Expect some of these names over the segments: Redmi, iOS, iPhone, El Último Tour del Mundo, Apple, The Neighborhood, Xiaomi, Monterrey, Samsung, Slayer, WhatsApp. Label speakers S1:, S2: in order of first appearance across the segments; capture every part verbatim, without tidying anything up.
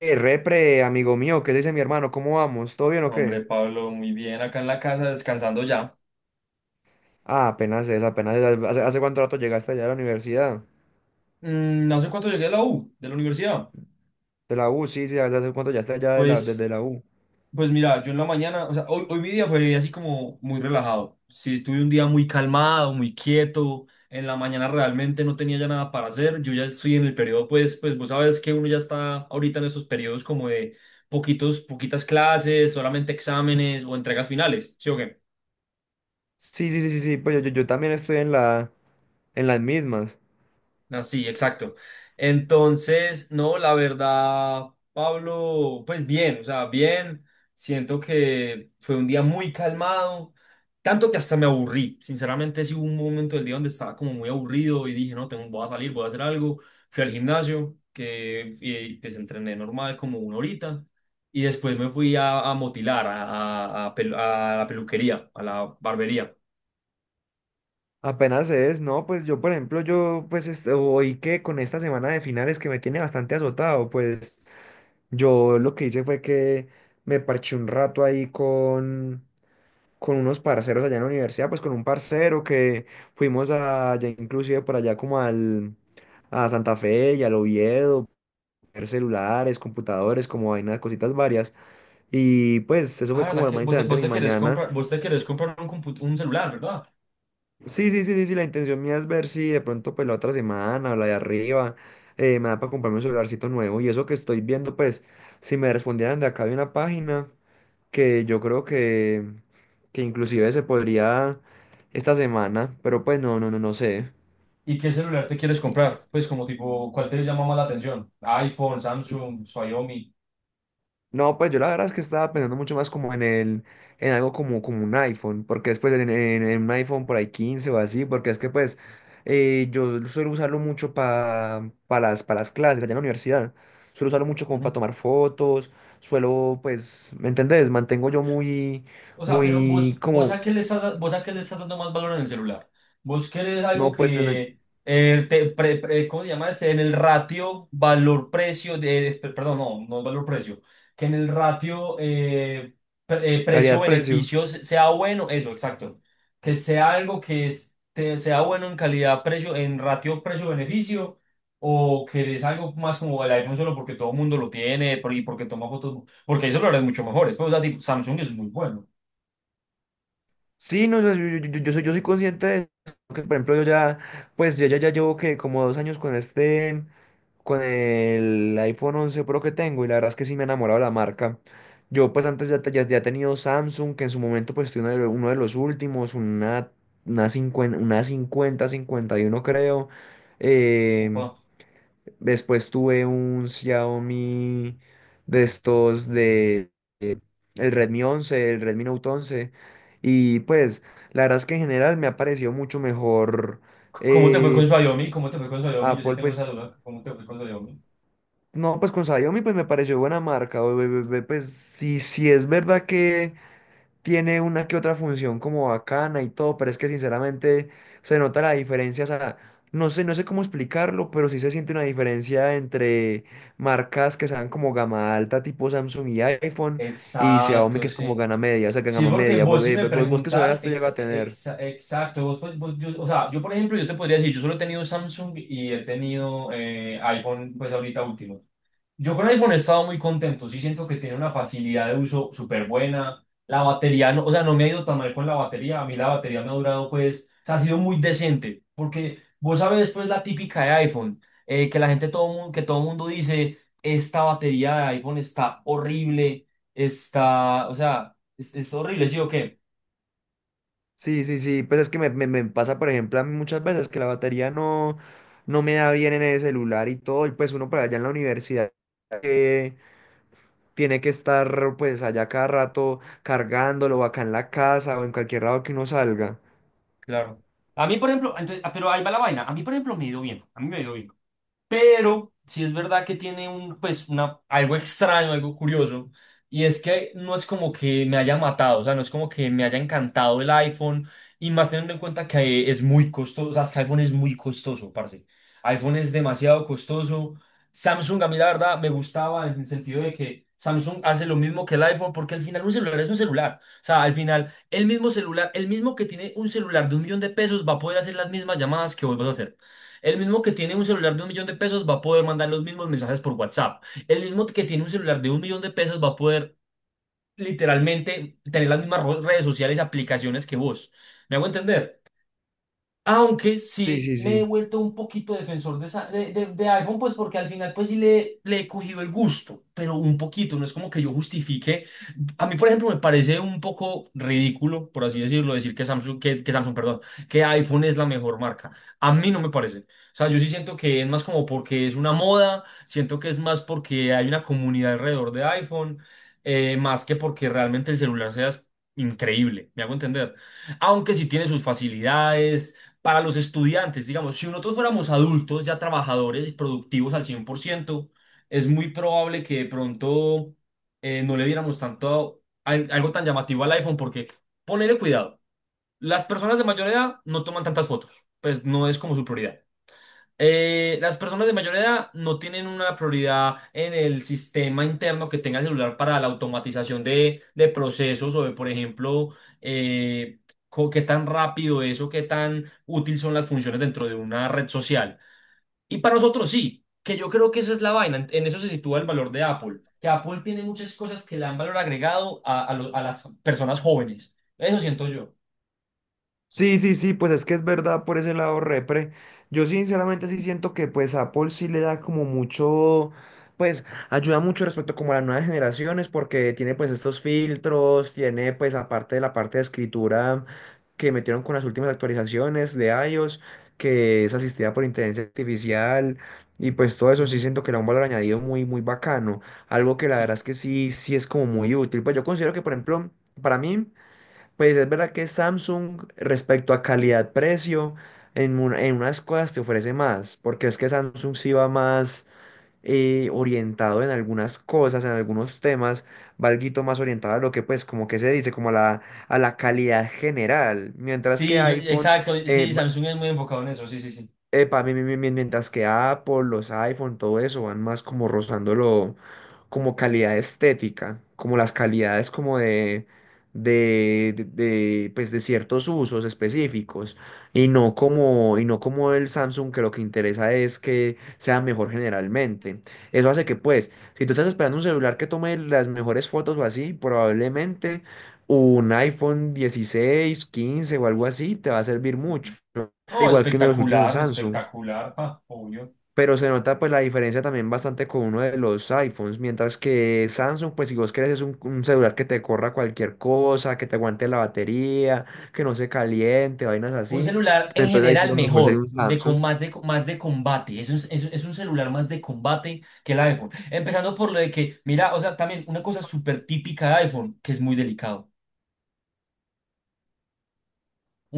S1: Eh, repre, amigo mío, ¿qué dice mi hermano? ¿Cómo vamos? ¿Todo bien o
S2: Hombre,
S1: qué?
S2: Pablo, muy bien, acá en la casa descansando ya.
S1: Ah, apenas es, apenas es. ¿Hace, hace cuánto rato llegaste allá a la universidad?
S2: Mm, no sé cuánto llegué a la U, de la universidad.
S1: De la U, sí, sí, ¿hace hace cuánto ya estás allá de la, desde
S2: Pues,
S1: la U?
S2: pues mira, yo en la mañana, o sea, hoy, hoy mi día fue así como muy relajado. Sí, estuve un día muy calmado, muy quieto. En la mañana realmente no tenía ya nada para hacer. Yo ya estoy en el periodo, pues, pues vos sabes que uno ya está ahorita en esos periodos como de poquitos, poquitas clases, solamente exámenes o entregas finales. ¿Sí o
S1: Sí, sí, sí, sí, sí, pues yo, yo, yo también estoy en la, en las mismas.
S2: Ah, sí, exacto. Entonces, no, la verdad, Pablo, pues bien, o sea, bien. Siento que fue un día muy calmado, tanto que hasta me aburrí. Sinceramente, sí hubo un momento del día donde estaba como muy aburrido y dije: no, tengo, voy a salir, voy a hacer algo. Fui al gimnasio, que y, pues entrené normal como una horita. Y después me fui a, a motilar, a, a, a pelu- a la peluquería, a la barbería.
S1: Apenas es, no, pues yo, por ejemplo, yo, pues, este, hoy que con esta semana de finales que me tiene bastante azotado, pues, yo lo que hice fue que me parché un rato ahí con con unos parceros allá en la universidad, pues con un parcero que fuimos allá inclusive por allá como al, a Santa Fe y al Oviedo, ver celulares, computadores, como vainas, cositas varias. Y pues eso
S2: Ah,
S1: fue como
S2: ¿verdad
S1: lo
S2: que
S1: más
S2: vos, te-
S1: interesante
S2: vos
S1: de mi
S2: te querés
S1: mañana.
S2: comprar, vos te querés comprar un, compu- un celular, ¿verdad?
S1: Sí, sí, sí, sí, sí, la intención mía es ver si de pronto pues la otra semana o la de arriba eh, me da para comprarme un celularcito nuevo. Y eso que estoy viendo, pues si me respondieran de acá de una página. Que yo creo que, que inclusive se podría esta semana, pero pues no, no, no, no sé.
S2: ¿Y qué celular te quieres
S1: Y-
S2: comprar? Pues como tipo, ¿cuál te llama más la atención? iPhone, Samsung, Xiaomi.
S1: No, pues yo la verdad es que estaba pensando mucho más como en el, en algo como, como un iPhone, porque después en, en- en un iPhone por ahí quince o así, porque es que pues eh, yo suelo usarlo mucho para las, para las clases allá en la universidad. Suelo usarlo mucho como para
S2: Ujú.
S1: tomar fotos, suelo pues, ¿me entendés? Mantengo yo muy,
S2: O sea, pero
S1: muy
S2: vos, vos a
S1: como,
S2: qué le estás, da- vos a qué le estás dando más valor en el celular. Vos querés algo
S1: no, pues en el
S2: que eh, te, pre- pre- ¿cómo se llama este? En el ratio valor-precio de, es- per- perdón, no, no valor-precio, que en el ratio eh, pre- eh,
S1: calidad-precio.
S2: precio-beneficios sea bueno, eso, exacto. Que sea algo que este- sea bueno en calidad-precio, en ratio precio-beneficio, o querés algo más como el iPhone solo porque todo el mundo lo tiene por- y porque toma fotos, porque hay celulares mucho mejores. Pues, o sea, tipo, Samsung es muy bueno.
S1: Sí, no, yo, yo, yo- yo- soy, yo soy consciente de eso, que por ejemplo yo ya, pues yo ya, ya llevo que como dos años con este, con el iPhone once Pro que tengo y la verdad es que sí me he enamorado de la marca. Yo pues antes ya, te- ya, ya he tenido Samsung, que en su momento pues tuve uno de, lo- uno de los últimos, una, una cincuenta, una cincuenta, cincuenta y uno creo. Eh,
S2: Opa.
S1: Después tuve un Xiaomi de estos de eh, el Redmi once, el Redmi Note once y pues la verdad es que en general me ha parecido mucho mejor
S2: ¿Cómo te fue con
S1: eh,
S2: Xiaomi? ¿Cómo te fue con Xiaomi? Yo sí
S1: Apple
S2: tengo esa
S1: pues
S2: duda. ¿Cómo te fue con Xiaomi?
S1: no, pues con Xiaomi pues me pareció buena marca o- o- o- pues sí, sí es verdad que tiene una que otra función como bacana y todo, pero es que sinceramente se nota la diferencia, o sea, no sé, no sé cómo explicarlo, pero sí se siente una diferencia entre marcas que sean como gama alta, tipo Samsung y iPhone, y Xiaomi
S2: Exacto,
S1: que es como
S2: sí.
S1: gama media, o sea, que
S2: Sí,
S1: gama
S2: porque
S1: media,
S2: vos
S1: vos,
S2: si
S1: eh,
S2: me
S1: vos, vos que solar
S2: preguntas,
S1: hasta llega
S2: ex-
S1: a tener.
S2: ex exacto, vos, pues, vos- yo, o sea, yo por ejemplo, yo te podría decir, yo solo he tenido Samsung y he tenido eh, iPhone, pues ahorita último. Yo con iPhone he estado muy contento, sí siento que tiene una facilidad de uso súper buena. La batería, no, o sea, no me ha ido tan mal con la batería, a mí la batería me ha durado pues, o sea, ha sido muy decente, porque vos sabes pues la típica de iPhone, eh, que la gente, todo mundo, que todo mundo dice, esta batería de iPhone está horrible, está, o sea... Es, es horrible, ¿sí o qué?
S1: Sí, sí, sí, pues es que me, me- me pasa, por ejemplo, a mí muchas veces que la batería no, no me da bien en el celular y todo, y pues uno para allá en la universidad eh, tiene que estar pues allá cada rato cargándolo o acá en la casa o en cualquier lado que uno salga.
S2: Claro. A mí, por ejemplo, entonces, ah, pero ahí va la vaina. A mí, por ejemplo, me ha ido bien. A mí me ha ido bien. Pero sí es verdad que tiene un, pues, una, algo extraño, algo curioso. Y es que no es como que me haya matado, o sea, no es como que me haya encantado el iPhone. Y más teniendo en cuenta que es muy costoso, o sea, es que iPhone es muy costoso, parce. iPhone es demasiado costoso. Samsung, a mí la verdad, me gustaba en el sentido de que Samsung hace lo mismo que el iPhone, porque al final un celular es un celular. O sea, al final, el mismo celular, el mismo que tiene un celular de un millón de pesos va a poder hacer las mismas llamadas que vos vas a hacer. El mismo que tiene un celular de un millón de pesos va a poder mandar los mismos mensajes por WhatsApp. El mismo que tiene un celular de un millón de pesos va a poder literalmente tener las mismas ro- redes sociales y aplicaciones que vos. ¿Me hago entender? Aunque
S1: Sí,
S2: sí
S1: sí,
S2: me he
S1: sí.
S2: vuelto un poquito defensor de, esa- de, de- de iPhone, pues porque al final pues sí le, le he cogido el gusto, pero un poquito. No es como que yo justifique. A mí, por ejemplo, me parece un poco ridículo, por así decirlo, decir que Samsung, que, que Samsung, perdón, que iPhone es la mejor marca. A mí no me parece. O sea, yo sí siento que es más como porque es una moda, siento que es más porque hay una comunidad alrededor de iPhone, eh, más que porque realmente el celular sea es- increíble, me hago entender. Aunque sí tiene sus facilidades para los estudiantes, digamos, si nosotros fuéramos adultos, ya trabajadores y productivos al cien por ciento, es muy probable que de pronto eh, no le diéramos tanto al- algo tan llamativo al iPhone porque ponele cuidado. Las personas de mayor edad no toman tantas fotos, pues no es como su prioridad. Eh, las personas de mayor edad no tienen una prioridad en el sistema interno que tenga el celular para la automatización de, de procesos o de, por ejemplo, eh, co- qué tan rápido es o qué tan útil son las funciones dentro de una red social. Y para nosotros sí, que yo creo que esa es la vaina, en en eso se sitúa el valor de Apple, que Apple tiene muchas cosas que le dan valor agregado a, a lo- a las personas jóvenes, eso siento yo.
S1: Sí, sí, sí, pues es que es verdad por ese lado repre. Yo sinceramente sí siento que pues Apple sí le da como mucho, pues ayuda mucho respecto como a las nuevas generaciones porque tiene pues estos filtros, tiene pues aparte de la parte de escritura que metieron con las últimas actualizaciones de iOS, que es asistida por inteligencia artificial y pues todo eso sí
S2: Ujú.
S1: siento que le da un valor añadido muy, muy bacano. Algo que la verdad
S2: Sí.
S1: es que sí, sí es como muy útil. Pues yo considero que por ejemplo, para mí... Pues es verdad que Samsung respecto a calidad-precio en, un- en unas cosas te ofrece más, porque es que Samsung sí va más eh, orientado en algunas cosas, en algunos temas, va alguito más orientado a lo que pues como que se dice, como a la, a la calidad general, mientras que
S2: Sí, yo,
S1: iPhone
S2: exacto,
S1: eh,
S2: sí, Samsung es muy enfocado en eso, sí, sí, sí.
S1: Epa, mi- mi- mi- mientras que Apple, los iPhone, todo eso van más como rozándolo como calidad estética, como las calidades como de, de, de, de, pues de ciertos usos específicos y no como, y no como el Samsung que lo que interesa es que sea mejor generalmente. Eso hace que pues, si tú estás esperando un celular que tome las mejores fotos o así, probablemente un iPhone dieciséis quince o algo así te va a servir mucho
S2: Ujú.
S1: al
S2: Oh,
S1: igual que uno de los últimos
S2: espectacular,
S1: Samsungs,
S2: espectacular, ah, obvio.
S1: pero se nota pues la diferencia también bastante con uno de los iPhones, mientras que Samsung pues si vos querés es un, un celular que te corra cualquier cosa, que te aguante la batería, que no se caliente, vainas
S2: Un
S1: así,
S2: celular
S1: pues,
S2: en
S1: entonces ahí sí
S2: general
S1: lo mejor sería
S2: mejor,
S1: un
S2: de
S1: Samsung,
S2: con más de, más de, combate. Es un, es, un es un celular más de combate que el iPhone. Empezando por lo de que, mira, o sea, también una cosa súper típica de iPhone, que es muy delicado.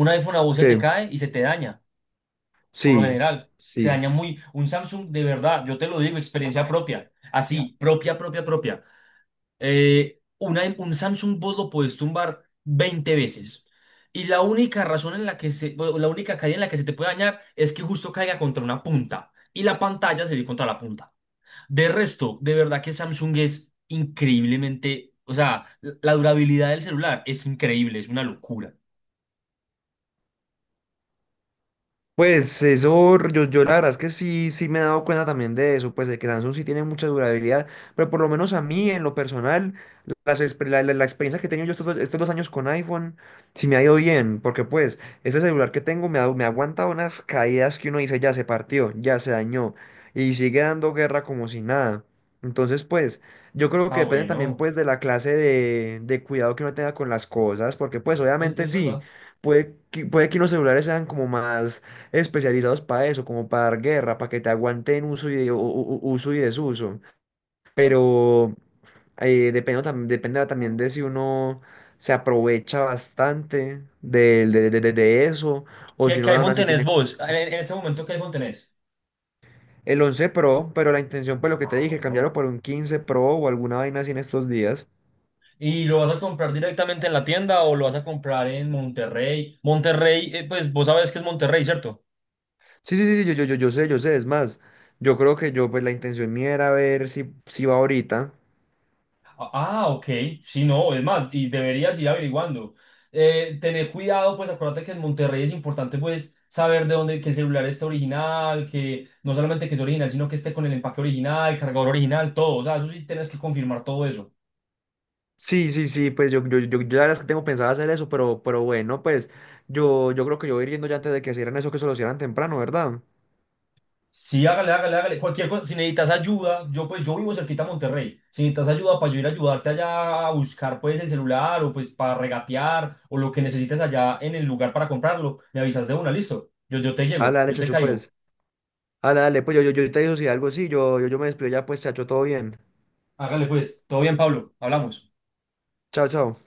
S2: Un iPhone a vos se te
S1: que
S2: cae y se te daña, por lo
S1: sí,
S2: general. Se
S1: sí.
S2: daña muy. Un Samsung, de verdad, yo te lo digo, experiencia propia. Así, propia, propia, propia. Eh, una- un Samsung vos lo puedes tumbar veinte veces. Y la única razón en la que se, bueno, la única caída en la que se te puede dañar es que justo caiga contra una punta. Y la pantalla se dio contra la punta. De resto, de verdad que Samsung es increíblemente. O sea, la la durabilidad del celular es increíble, es una locura.
S1: Pues eso, yo, yo la verdad es que sí, sí me he dado cuenta también de eso, pues de que Samsung sí tiene mucha durabilidad, pero por lo menos a mí, en lo personal, las, exper- la, la- la experiencia que he tenido yo estos dos, estos dos años con iPhone, sí me ha ido bien, porque pues este celular que tengo me, ha- me aguanta unas caídas que uno dice, ya se partió, ya se dañó, y sigue dando guerra como si nada. Entonces, pues, yo creo que
S2: Ah,
S1: depende también,
S2: bueno,
S1: pues, de la clase de, de cuidado que uno tenga con las cosas, porque, pues,
S2: es,
S1: obviamente
S2: es
S1: sí,
S2: verdad.
S1: puede que, puede que unos celulares sean como más especializados para eso, como para dar guerra, para que te aguanten uso y, de- u- u- uso y desuso. Pero eh, depende, tam- dependerá también de si uno se aprovecha bastante de, de- de- de- de eso o si
S2: ¿Qué, qué
S1: uno aún
S2: iPhone
S1: así
S2: tenés
S1: tiene
S2: vos? En, en este momento, ¿qué iPhone tenés?
S1: el once Pro, pero la intención, pues lo que te
S2: Ah,
S1: dije,
S2: bueno.
S1: cambiarlo por un quince Pro o alguna vaina así en estos días.
S2: ¿Y lo vas a comprar directamente en la tienda o lo vas a comprar en Monterrey? Monterrey, eh, pues vos sabes que es Monterrey, ¿cierto?
S1: Sí, sí, sí, yo, yo, yo, yo sé, yo sé, es más, yo creo que yo, pues la intención mía era ver si, si va ahorita.
S2: Ah, ah, ok. Sí, no, es más, y deberías ir averiguando. Eh, tener cuidado, pues acuérdate que en Monterrey es importante, pues, saber de dónde, que el celular está original, que no solamente que es original, sino que esté con el empaque original, el cargador original, todo. O sea, eso sí tienes que confirmar todo eso.
S1: Sí, sí, sí, pues yo, yo, yo, yo la verdad es que tengo pensado hacer eso, pero, pero bueno, pues yo, yo creo que yo voy a ir yendo ya antes de que hicieran eso, que se lo hicieran temprano, ¿verdad?
S2: Sí, hágale, hágale, hágale. Cualquier cosa, si necesitas ayuda, yo pues yo vivo cerquita a Monterrey. Si necesitas ayuda para yo ir a ayudarte allá a buscar pues el celular o pues para regatear o lo que necesites allá en el lugar para comprarlo, me avisas de una, listo. Yo, yo te
S1: Dale,
S2: llego,
S1: dale,
S2: yo te
S1: chacho,
S2: caigo.
S1: pues. Dale, dale, pues yo, yo, yo te digo si algo sí, yo, yo, yo me despido ya, pues, chacho, todo bien.
S2: Hágale pues, todo bien, Pablo, hablamos.
S1: Chao, chao.